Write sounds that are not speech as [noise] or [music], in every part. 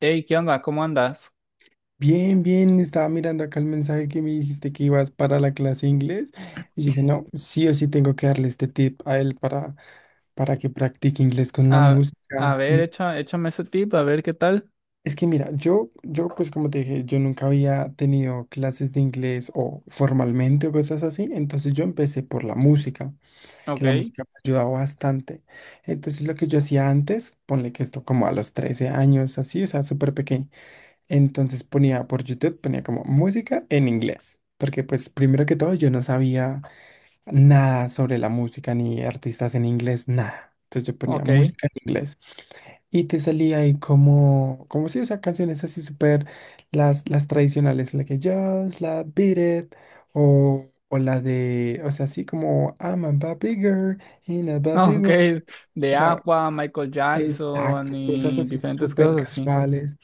Hey, ¿qué onda? ¿Cómo andas? Bien, bien, estaba mirando acá el mensaje que me dijiste que ibas para la clase de inglés y dije, no, sí o sí tengo que darle este tip a él para que practique inglés con la A, a música. ver, échame ese tip, a ver qué tal. Es que mira, yo pues como te dije, yo nunca había tenido clases de inglés o formalmente o cosas así, entonces yo empecé por la música, Ok, que la música me ayudaba bastante. Entonces lo que yo hacía antes, ponle que esto como a los 13 años, así, o sea, súper pequeño. Entonces ponía por YouTube, ponía como música en inglés, porque pues primero que todo yo no sabía nada sobre la música ni artistas en inglés, nada. Entonces yo ponía ok, música en inglés y te salía ahí como si, o sea, canciones así súper, las tradicionales, la que Just la Beat It o la de, o sea, así como I'm a bad bigger in a [laughs] bad big ok. world. De O sea, Aqua, Michael exacto, Jackson cosas y así diferentes súper cosas así. casuales.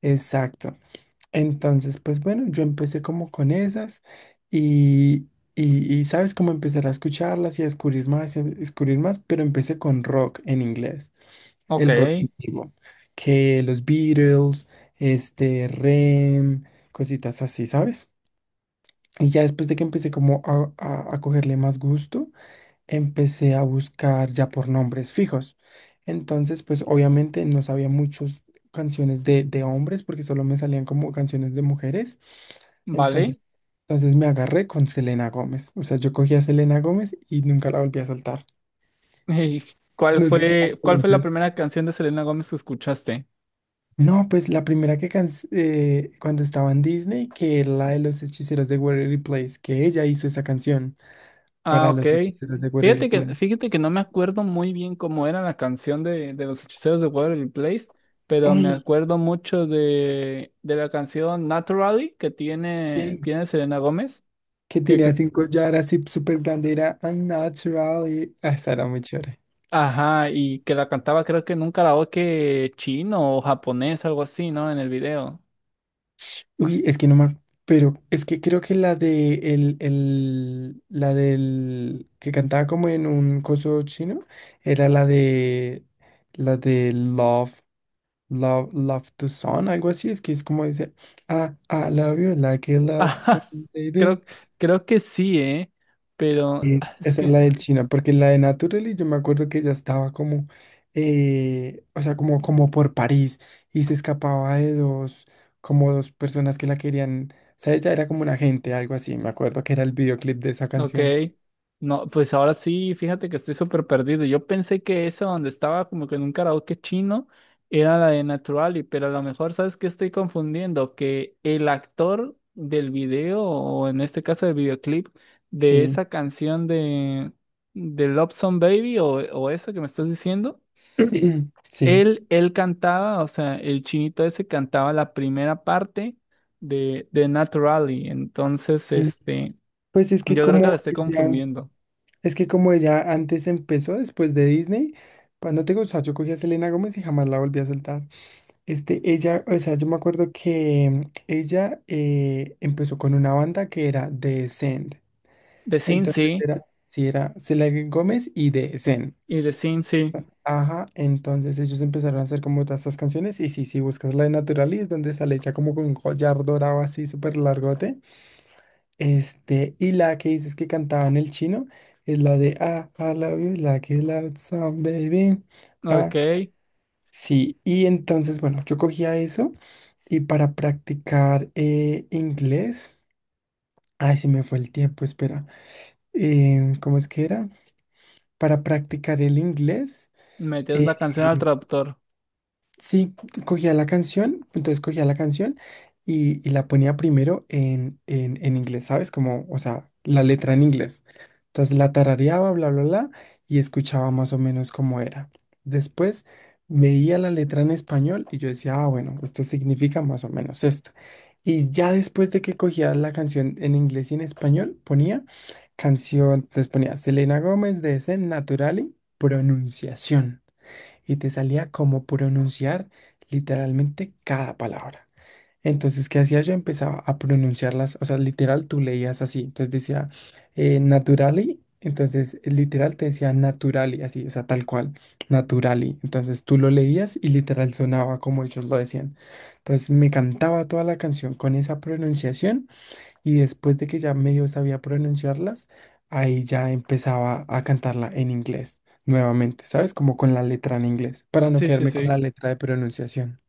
Exacto. Entonces, pues bueno, yo empecé como con esas y, y, sabes, cómo empezar a escucharlas y a descubrir más, y a descubrir más, pero empecé con rock en inglés, Ok, el rock antiguo, que los Beatles, Rem, cositas así, ¿sabes? Y ya después de que empecé como a, a cogerle más gusto, empecé a buscar ya por nombres fijos. Entonces, pues obviamente no sabía muchas canciones de hombres porque solo me salían como canciones de mujeres. vale. Entonces, entonces me agarré con Selena Gómez. O sea, yo cogí a Selena Gómez y nunca la volví a soltar. [laughs] ¿Y cuál No sé si la fue, cuál fue la conoces. primera canción de Selena Gómez que escuchaste? No, pues la primera que can- cuando estaba en Disney, que era la de los hechiceros de Waverly Place, que ella hizo esa canción Ah, para ok. los hechiceros de Waverly Fíjate que, Place. fíjate que no me acuerdo muy bien cómo era la canción de los hechiceros de Waverly Place, pero me Uy, acuerdo mucho de la canción Naturally que tiene, sí. tiene Selena Gómez. Que Que, tenía que- así un collar así súper grande, era unnatural y ah, esa era muy chévere. ajá, y que la cantaba creo que en un karaoke chino o japonés, algo así, ¿no? En el video. Uy, es que no me... Pero es que creo que la de la del que cantaba como en un coso chino era la de Love, Love, Love to Sun, algo así, es que es como dice, ah, I love you like a [laughs] lot. Ajá, creo, creo que sí, ¿eh? Pero Sí, ah, es esa es la que del China, porque la de Naturally yo me acuerdo que ella estaba como, o sea, como por París y se escapaba de dos, como dos personas que la querían, o sea, ella era como un agente, algo así, me acuerdo que era el videoclip de esa ok, canción. no, pues ahora sí, fíjate que estoy súper perdido. Yo pensé que esa donde estaba como que en un karaoke chino era la de Naturally, pero a lo mejor sabes que estoy confundiendo, que el actor del video, o en este caso del videoclip, de Sí, esa canción de Love Song Baby o esa que me estás diciendo, [clears throat] sí. él cantaba, o sea, el chinito ese cantaba la primera parte de Naturally. Entonces, Mm, este, Pues es que yo creo que la como estoy ella, confundiendo. es que como ella antes empezó después de Disney, cuando te gusta, yo cogí a Selena Gómez y jamás la volví a soltar. Ella, o sea, yo me acuerdo que ella empezó con una banda que era The Send. The Sin Entonces sí. era, sí, era Selena Gómez y The Send. Y The Sin sí. Ajá, entonces ellos empezaron a hacer como todas estas canciones. Y sí, si buscas la de Naturalis, donde sale ella como con un collar dorado así súper largote. Y la que dices que cantaba en el chino es la de ah, I love you like a loud song, baby. Ok. Ah, sí. Y entonces, bueno, yo cogía eso. Y para practicar inglés, ay, se me fue el tiempo, espera. ¿Cómo es que era? Para practicar el inglés, Metías eh, la canción al traductor. sí, cogía la canción, entonces cogía la canción y la ponía primero en, en inglés, ¿sabes? Como, o sea, la letra en inglés. Entonces la tarareaba, bla, bla, bla, y escuchaba más o menos cómo era. Después veía la letra en español y yo decía, ah, bueno, esto significa más o menos esto. Y ya después de que cogía la canción en inglés y en español, ponía canción, entonces ponía Selena Gómez de Zen Naturali, pronunciación y te salía como pronunciar literalmente cada palabra. Entonces, ¿qué hacía yo? Empezaba a pronunciarlas, o sea, literal tú leías así, entonces decía naturally, entonces literal te decía naturally, así, o sea, tal cual, naturally. Entonces tú lo leías y literal sonaba como ellos lo decían. Entonces me cantaba toda la canción con esa pronunciación y después de que ya medio sabía pronunciarlas, ahí ya empezaba a cantarla en inglés nuevamente, ¿sabes? Como con la letra en inglés, para no Sí, sí, quedarme con la sí. letra de pronunciación.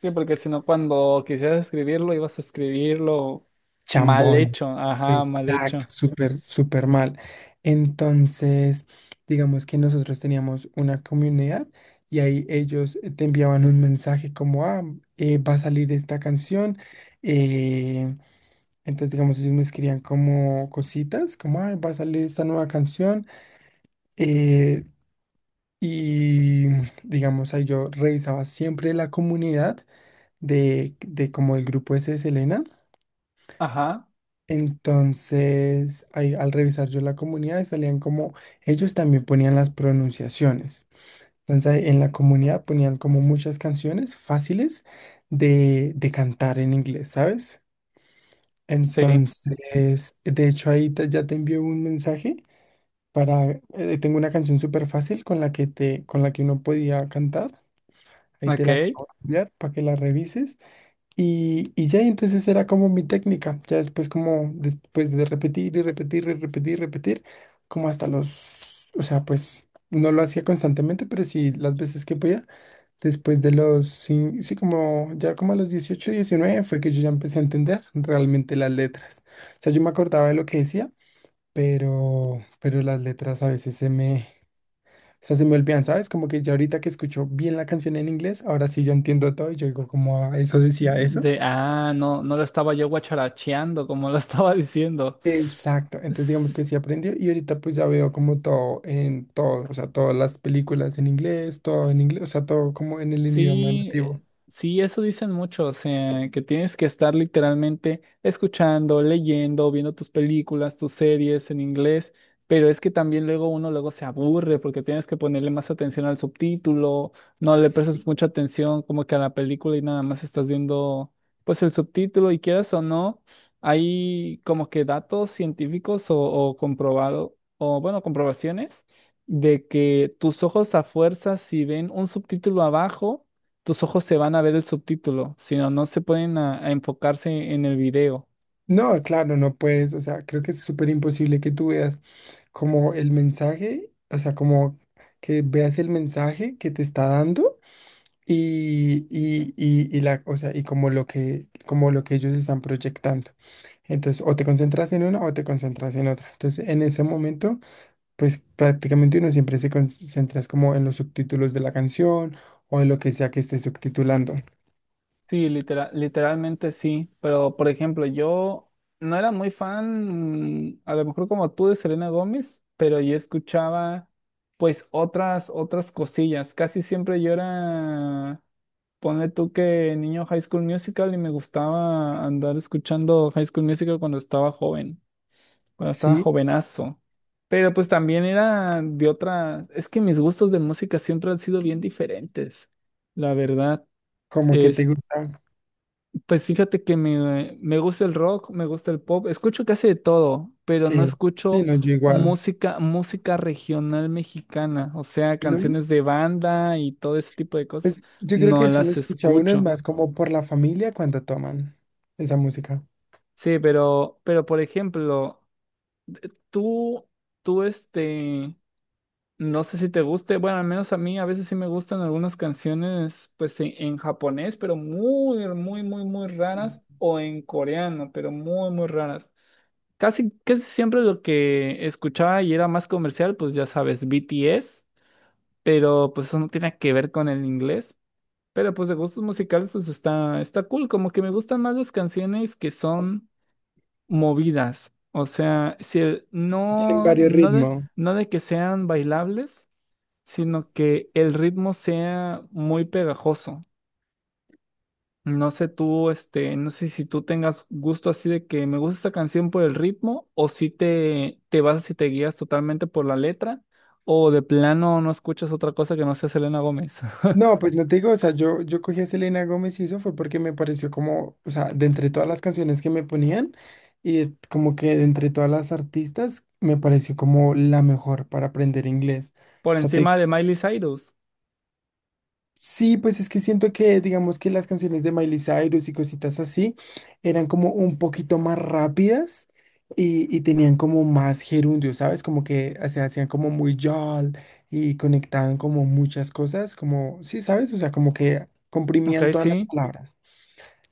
Sí, porque si no, cuando quisieras escribirlo, ibas a escribirlo mal Chambón. hecho. Ajá, mal Exacto, hecho. súper, súper mal. Entonces, digamos que nosotros teníamos una comunidad y ahí ellos te enviaban un mensaje como, ah, va a salir esta canción. eh, entonces, digamos, ellos me escribían como cositas, como, ah, va a salir esta nueva canción. Eh, y digamos, ahí yo revisaba siempre la comunidad de como el grupo ese de Selena. Ajá. Entonces, ahí, al revisar yo la comunidad, salían como ellos también ponían las pronunciaciones. Entonces, ahí en la comunidad ponían como muchas canciones fáciles de cantar en inglés, ¿sabes? Sí. Entonces, de hecho, ahí te- ya te envió un mensaje para, tengo una canción súper fácil con la que te, con la que uno podía cantar. Ahí te Ok. la acabo de enviar para que la revises. Y entonces era como mi técnica. Ya después, como después de repetir y repetir y repetir y repetir, como hasta los. O sea, pues no lo hacía constantemente, pero sí las veces que podía. Después de los. Sí, sí, como ya como a los 18, 19 fue que yo ya empecé a entender realmente las letras. O sea, yo me acordaba de lo que decía, pero las letras a veces se me, sea, se me olvidan, ¿sabes? Como que ya ahorita que escucho bien la canción en inglés, ahora sí ya entiendo todo y yo digo como, "Ah, eso decía eso". No, no lo estaba yo guacharacheando como lo [laughs] estaba diciendo. Exacto, entonces digamos que sí aprendió y ahorita pues ya veo como todo en todo, o sea, todas las películas en inglés, todo en inglés, o sea, todo como en el idioma Sí, nativo. sí, eso dicen muchos, o sea, que tienes que estar literalmente escuchando, leyendo, viendo tus películas, tus series en inglés, pero es que también luego uno luego se aburre porque tienes que ponerle más atención al subtítulo, no le Sí. prestas mucha atención como que a la película y nada más estás viendo pues el subtítulo y quieras o no, hay como que datos científicos o comprobado, o bueno, comprobaciones de que tus ojos a fuerza, si ven un subtítulo abajo, tus ojos se van a ver el subtítulo, sino no se pueden a enfocarse en el video. No, claro, no puedes, o sea, creo que es súper imposible que tú veas como el mensaje, o sea, como que veas el mensaje que te está dando. Y la, o sea, y como lo que ellos están proyectando. Entonces, o te concentras en una o te concentras en otra. Entonces, en ese momento, pues prácticamente uno siempre se concentra es como en los subtítulos de la canción o en lo que sea que esté subtitulando. Sí, literalmente sí, pero por ejemplo, yo no era muy fan, a lo mejor como tú de Selena Gómez, pero yo escuchaba pues otras cosillas. Casi siempre yo era, ponle tú que niño High School Musical y me gustaba andar escuchando High School Musical cuando estaba joven, cuando estaba Sí, jovenazo. Pero pues también era de otra, es que mis gustos de música siempre han sido bien diferentes, la verdad. como que te Es, gusta. pues fíjate que me gusta el rock, me gusta el pop, escucho casi de todo, pero no Sí, sí, escucho no, yo igual. música, música regional mexicana, o sea, No, canciones de banda y todo ese tipo de cosas, pues yo creo que no eso lo las escucha uno es escucho. más como por la familia cuando toman esa música. Sí, pero por ejemplo, tú, tú este. No sé si te guste, bueno, al menos a mí a veces sí me gustan algunas canciones pues en japonés, pero muy, muy, muy, muy raras, o en coreano, pero muy, muy raras. Casi, casi siempre lo que escuchaba y era más comercial, pues ya sabes, BTS, pero pues eso no tiene que ver con el inglés. Pero pues de gustos musicales pues está cool, como que me gustan más las canciones que son movidas, o sea, Tienen no, varios no de, ritmos. no de que sean bailables sino que el ritmo sea muy pegajoso. No sé tú, este, no sé si tú tengas gusto así de que me gusta esta canción por el ritmo, o si te vas y te guías totalmente por la letra, o de plano no escuchas otra cosa que no sea Selena Gómez. [laughs] No, pues no te digo, o sea, yo cogí a Selena Gómez y eso fue porque me pareció como, o sea, de entre todas las canciones que me ponían y de- como que de entre todas las artistas me pareció como la mejor para aprender inglés. Por O sea, encima te de Miley Cyrus. sí, pues es que siento que, digamos que las canciones de Miley Cyrus y cositas así eran como un poquito más rápidas y tenían como más gerundio, ¿sabes? Como que se hacían como muy yol y conectaban como muchas cosas, como, sí, ¿sabes? O sea, como que Ok, comprimían todas las sí. palabras.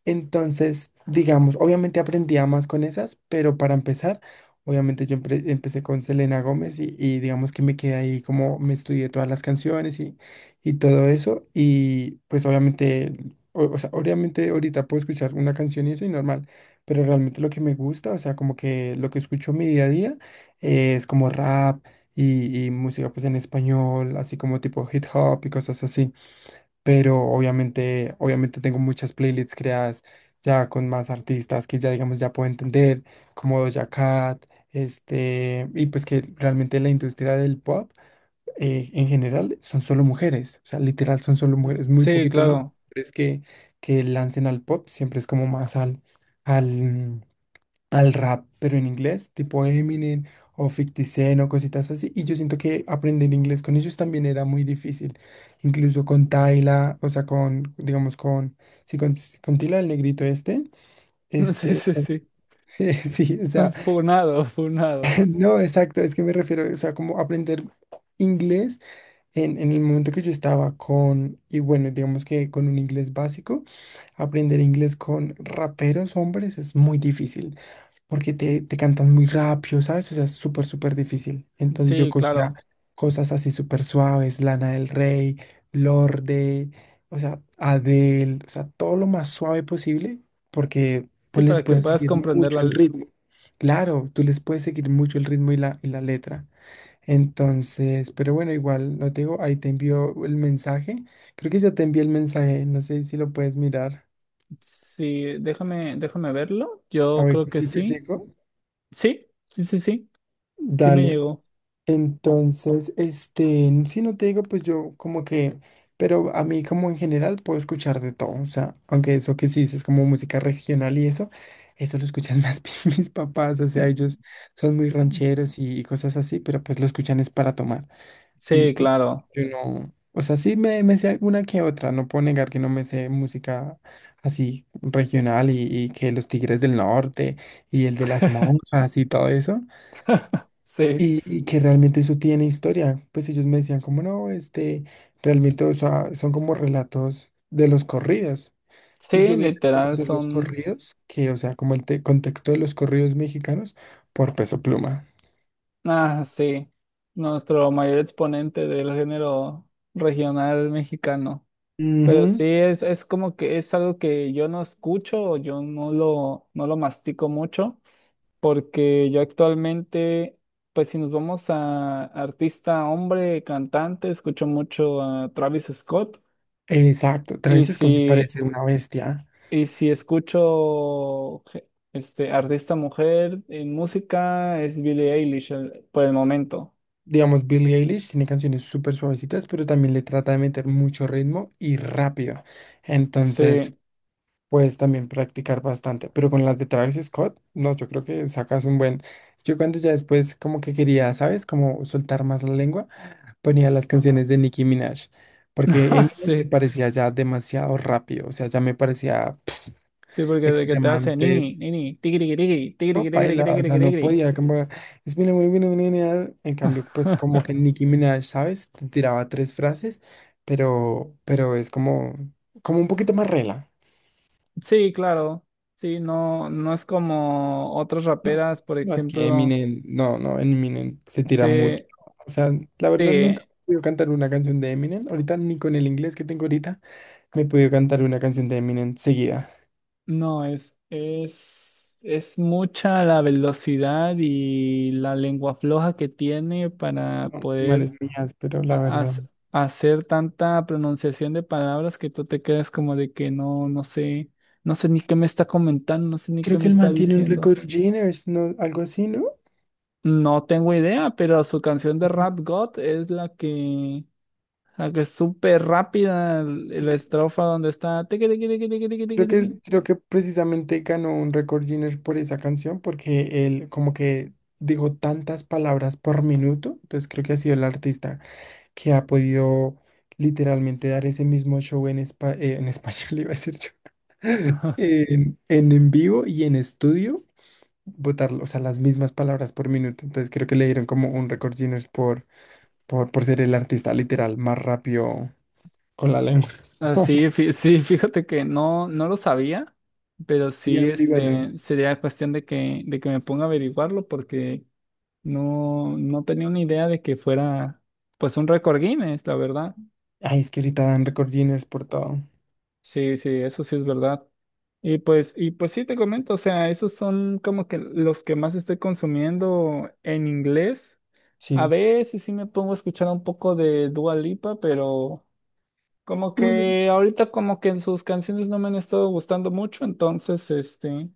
Entonces, digamos, obviamente aprendía más con esas, pero para empezar, obviamente yo empecé con Selena Gómez y digamos que me quedé ahí como me estudié todas las canciones y todo eso. Y pues obviamente, o sea, obviamente ahorita puedo escuchar una canción y eso y normal, pero realmente lo que me gusta, o sea, como que lo que escucho en mi día a día es como rap y música pues en español, así como tipo hip hop y cosas así, pero obviamente tengo muchas playlists creadas ya con más artistas que ya, digamos, ya puedo entender, como Doja Cat, y pues que realmente la industria del pop en general son solo mujeres, o sea, literal son solo mujeres, muy Sí, poquitos los claro. hombres que lancen al pop, siempre es como más al, al, al rap, pero en inglés, tipo Eminem o 50 Cent o cositas así. Y yo siento que aprender inglés con ellos también era muy difícil. Incluso con Tyla, o sea, con, digamos, con, sí, con, Tyla, el negrito este, [laughs] Sí, este, sí, sí. [laughs] sí, o [laughs] sea, Funado, funado. [laughs] no, exacto, es que me refiero, o sea, como aprender inglés en el momento que yo estaba con, y bueno, digamos que con un inglés básico, aprender inglés con raperos hombres es muy difícil, porque te cantan muy rápido, ¿sabes? O sea, es súper, súper difícil. Entonces yo Sí, cogía claro. cosas así súper suaves, Lana del Rey, Lorde, o sea, Adele, o sea, todo lo más suave posible, porque Sí, pues les para que puedes puedas seguir mucho comprenderla. el ritmo. Claro, tú les puedes seguir mucho el ritmo y la letra. Entonces, pero bueno, igual, no te digo, ahí te envío el mensaje. Creo que ya te envié el mensaje, no sé si lo puedes mirar, Sí, déjame verlo. a Yo ver creo si que sí te sí. llegó. Sí, sí, sí, sí, sí me Dale, llegó. entonces, si no te digo, pues yo como que, pero a mí como en general puedo escuchar de todo, o sea, aunque eso que sí es como música regional y eso lo escuchan más [laughs] bien mis papás, o sea, Mm, ellos son muy mm. rancheros y cosas así, pero pues lo escuchan es para tomar. Y Sí, pues claro, yo no, o sea, sí me sé alguna que otra, no puedo negar que no me sé música así regional y que los Tigres del Norte y el de las monjas y todo eso, sí, y que realmente eso tiene historia. Pues ellos me decían como no, realmente, o sea, son como relatos de los corridos. Y yo sí, vine a literal conocer los son, corridos, que, o sea, como el contexto de los corridos mexicanos por Peso Pluma. ah, sí, nuestro mayor exponente del género regional mexicano. Pero Ujú, sí, es como que es algo que yo no escucho, o yo no lo mastico mucho, porque yo actualmente, pues si nos vamos a artista, hombre, cantante, escucho mucho a Travis Scott. exacto, Y Travis Scott me si parece una bestia. y si escucho este artista mujer en música, es Billie Eilish por el momento. Digamos, Billie Eilish tiene canciones súper suavecitas, pero también le trata de meter mucho ritmo y rápido. Entonces, Sí, puedes también practicar bastante. Pero con las de Travis Scott, no, yo creo que sacas un buen. Yo cuando ya después como que quería, ¿sabes? Como soltar más la lengua, ponía las canciones de Nicki Minaj. [laughs] Porque ah, Eminem me sí, parecía ya demasiado rápido, o sea, ya me parecía sí, porque de que te hace extremadamente nini, nini, tigri, tigri, no, tigri, tigri, paila, tigri, o sea, no tigri. podía. Como, es mi muy bien, en cambio, pues como [laughs] que Nicki Minaj, ¿sabes? Te tiraba tres frases, pero es como, como un poquito más rela. Sí, claro. Sí, no, no es como otras No, raperas, por no, es que ejemplo, Eminem, no, Eminem se tira mucho. se, O sea, la verdad sí nunca he podido cantar una canción de Eminem. Ahorita ni con el inglés que tengo ahorita me he podido cantar una canción de Eminem seguida. no, es mucha la velocidad y la lengua floja que tiene para No, manes poder mías, pero la a- verdad. as- hacer tanta pronunciación de palabras que tú te quedas como de que no, no sé, ni qué me está comentando, no sé ni qué Creo me que el está man tiene un diciendo. récord Guinness, ¿no? Algo así, ¿no? No tengo idea, pero su canción de Rap God es la que es súper rápida, la estrofa donde está tiqui, tiqui, tiqui, tiqui, tiqui, Creo tiqui, tiqui. que, creo que precisamente ganó un récord Guinness por esa canción porque él como que dijo tantas palabras por minuto, entonces creo que ha sido el artista que ha podido literalmente dar ese mismo show en, en español, [laughs] iba a decir yo, [laughs] en, en vivo y en estudio, botarlo, o sea, las mismas palabras por minuto, entonces creo que le dieron como un récord Guinness por ser el artista literal más rápido con la lengua. Ah, sí, [laughs] sí, [laughs] fíjate que no, no lo sabía, pero Sí, sí, averígualo. este, sería cuestión de que me ponga a averiguarlo porque no, no tenía una idea de que fuera, pues, un récord Guinness, la verdad. Ay, es que ahorita dan récord Guinness por todo. Sí, sí, eso sí es verdad. Y pues sí te comento, o sea, esos son como que los que más estoy consumiendo en inglés. A Sí. veces sí me pongo a escuchar un poco de Dua Lipa, pero. Como Ujú. que ahorita como que en sus canciones no me han estado gustando mucho, entonces, este,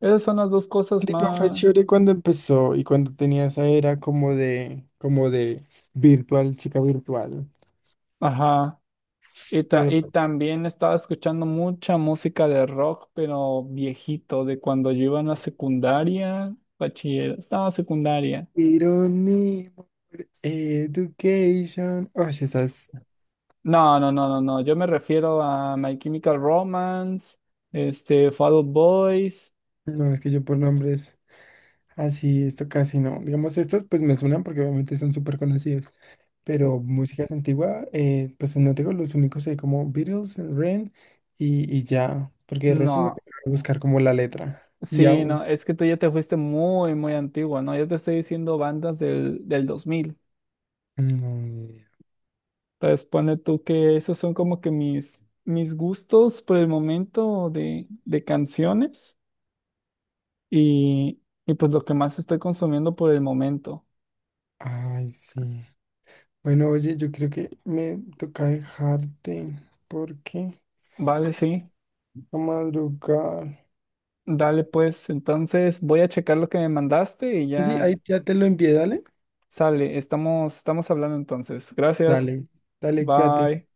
esas son las dos cosas Pero fue más. chévere cuando empezó y cuando tenía esa era como de virtual, chica virtual. Ajá. Y, ta- Pero, y pues, también estaba escuchando mucha música de rock, pero viejito, de cuando yo iba en la secundaria, bachiller, estaba secundaria. Irony, Education. Oye, esas, No, no, no, no, no, yo me refiero a My Chemical Romance, este, Fall Out Boys. no, es que yo por nombres así, esto casi no. Digamos, estos pues me suenan porque obviamente son súper conocidos. Pero músicas antiguas, pues no tengo los únicos ahí como Beatles, Ren y ya. Porque el resto me No, tengo que buscar como la letra. Y sí, aún. no, es que tú ya te fuiste muy, muy antigua, ¿no? Yo te estoy diciendo bandas del 2000. No, ni idea. Entonces, ponle tú que esos son como que mis gustos por el momento de canciones y, y pues lo que más estoy consumiendo por el momento. Ay, sí. Bueno, oye, yo creo que me toca dejarte porque Vale, sí, a madrugar. dale pues. Entonces, voy a checar lo que me mandaste y Sí, ya ahí ya te lo envié, dale. sale. Estamos hablando entonces. Gracias. Dale, dale, cuídate. Bye.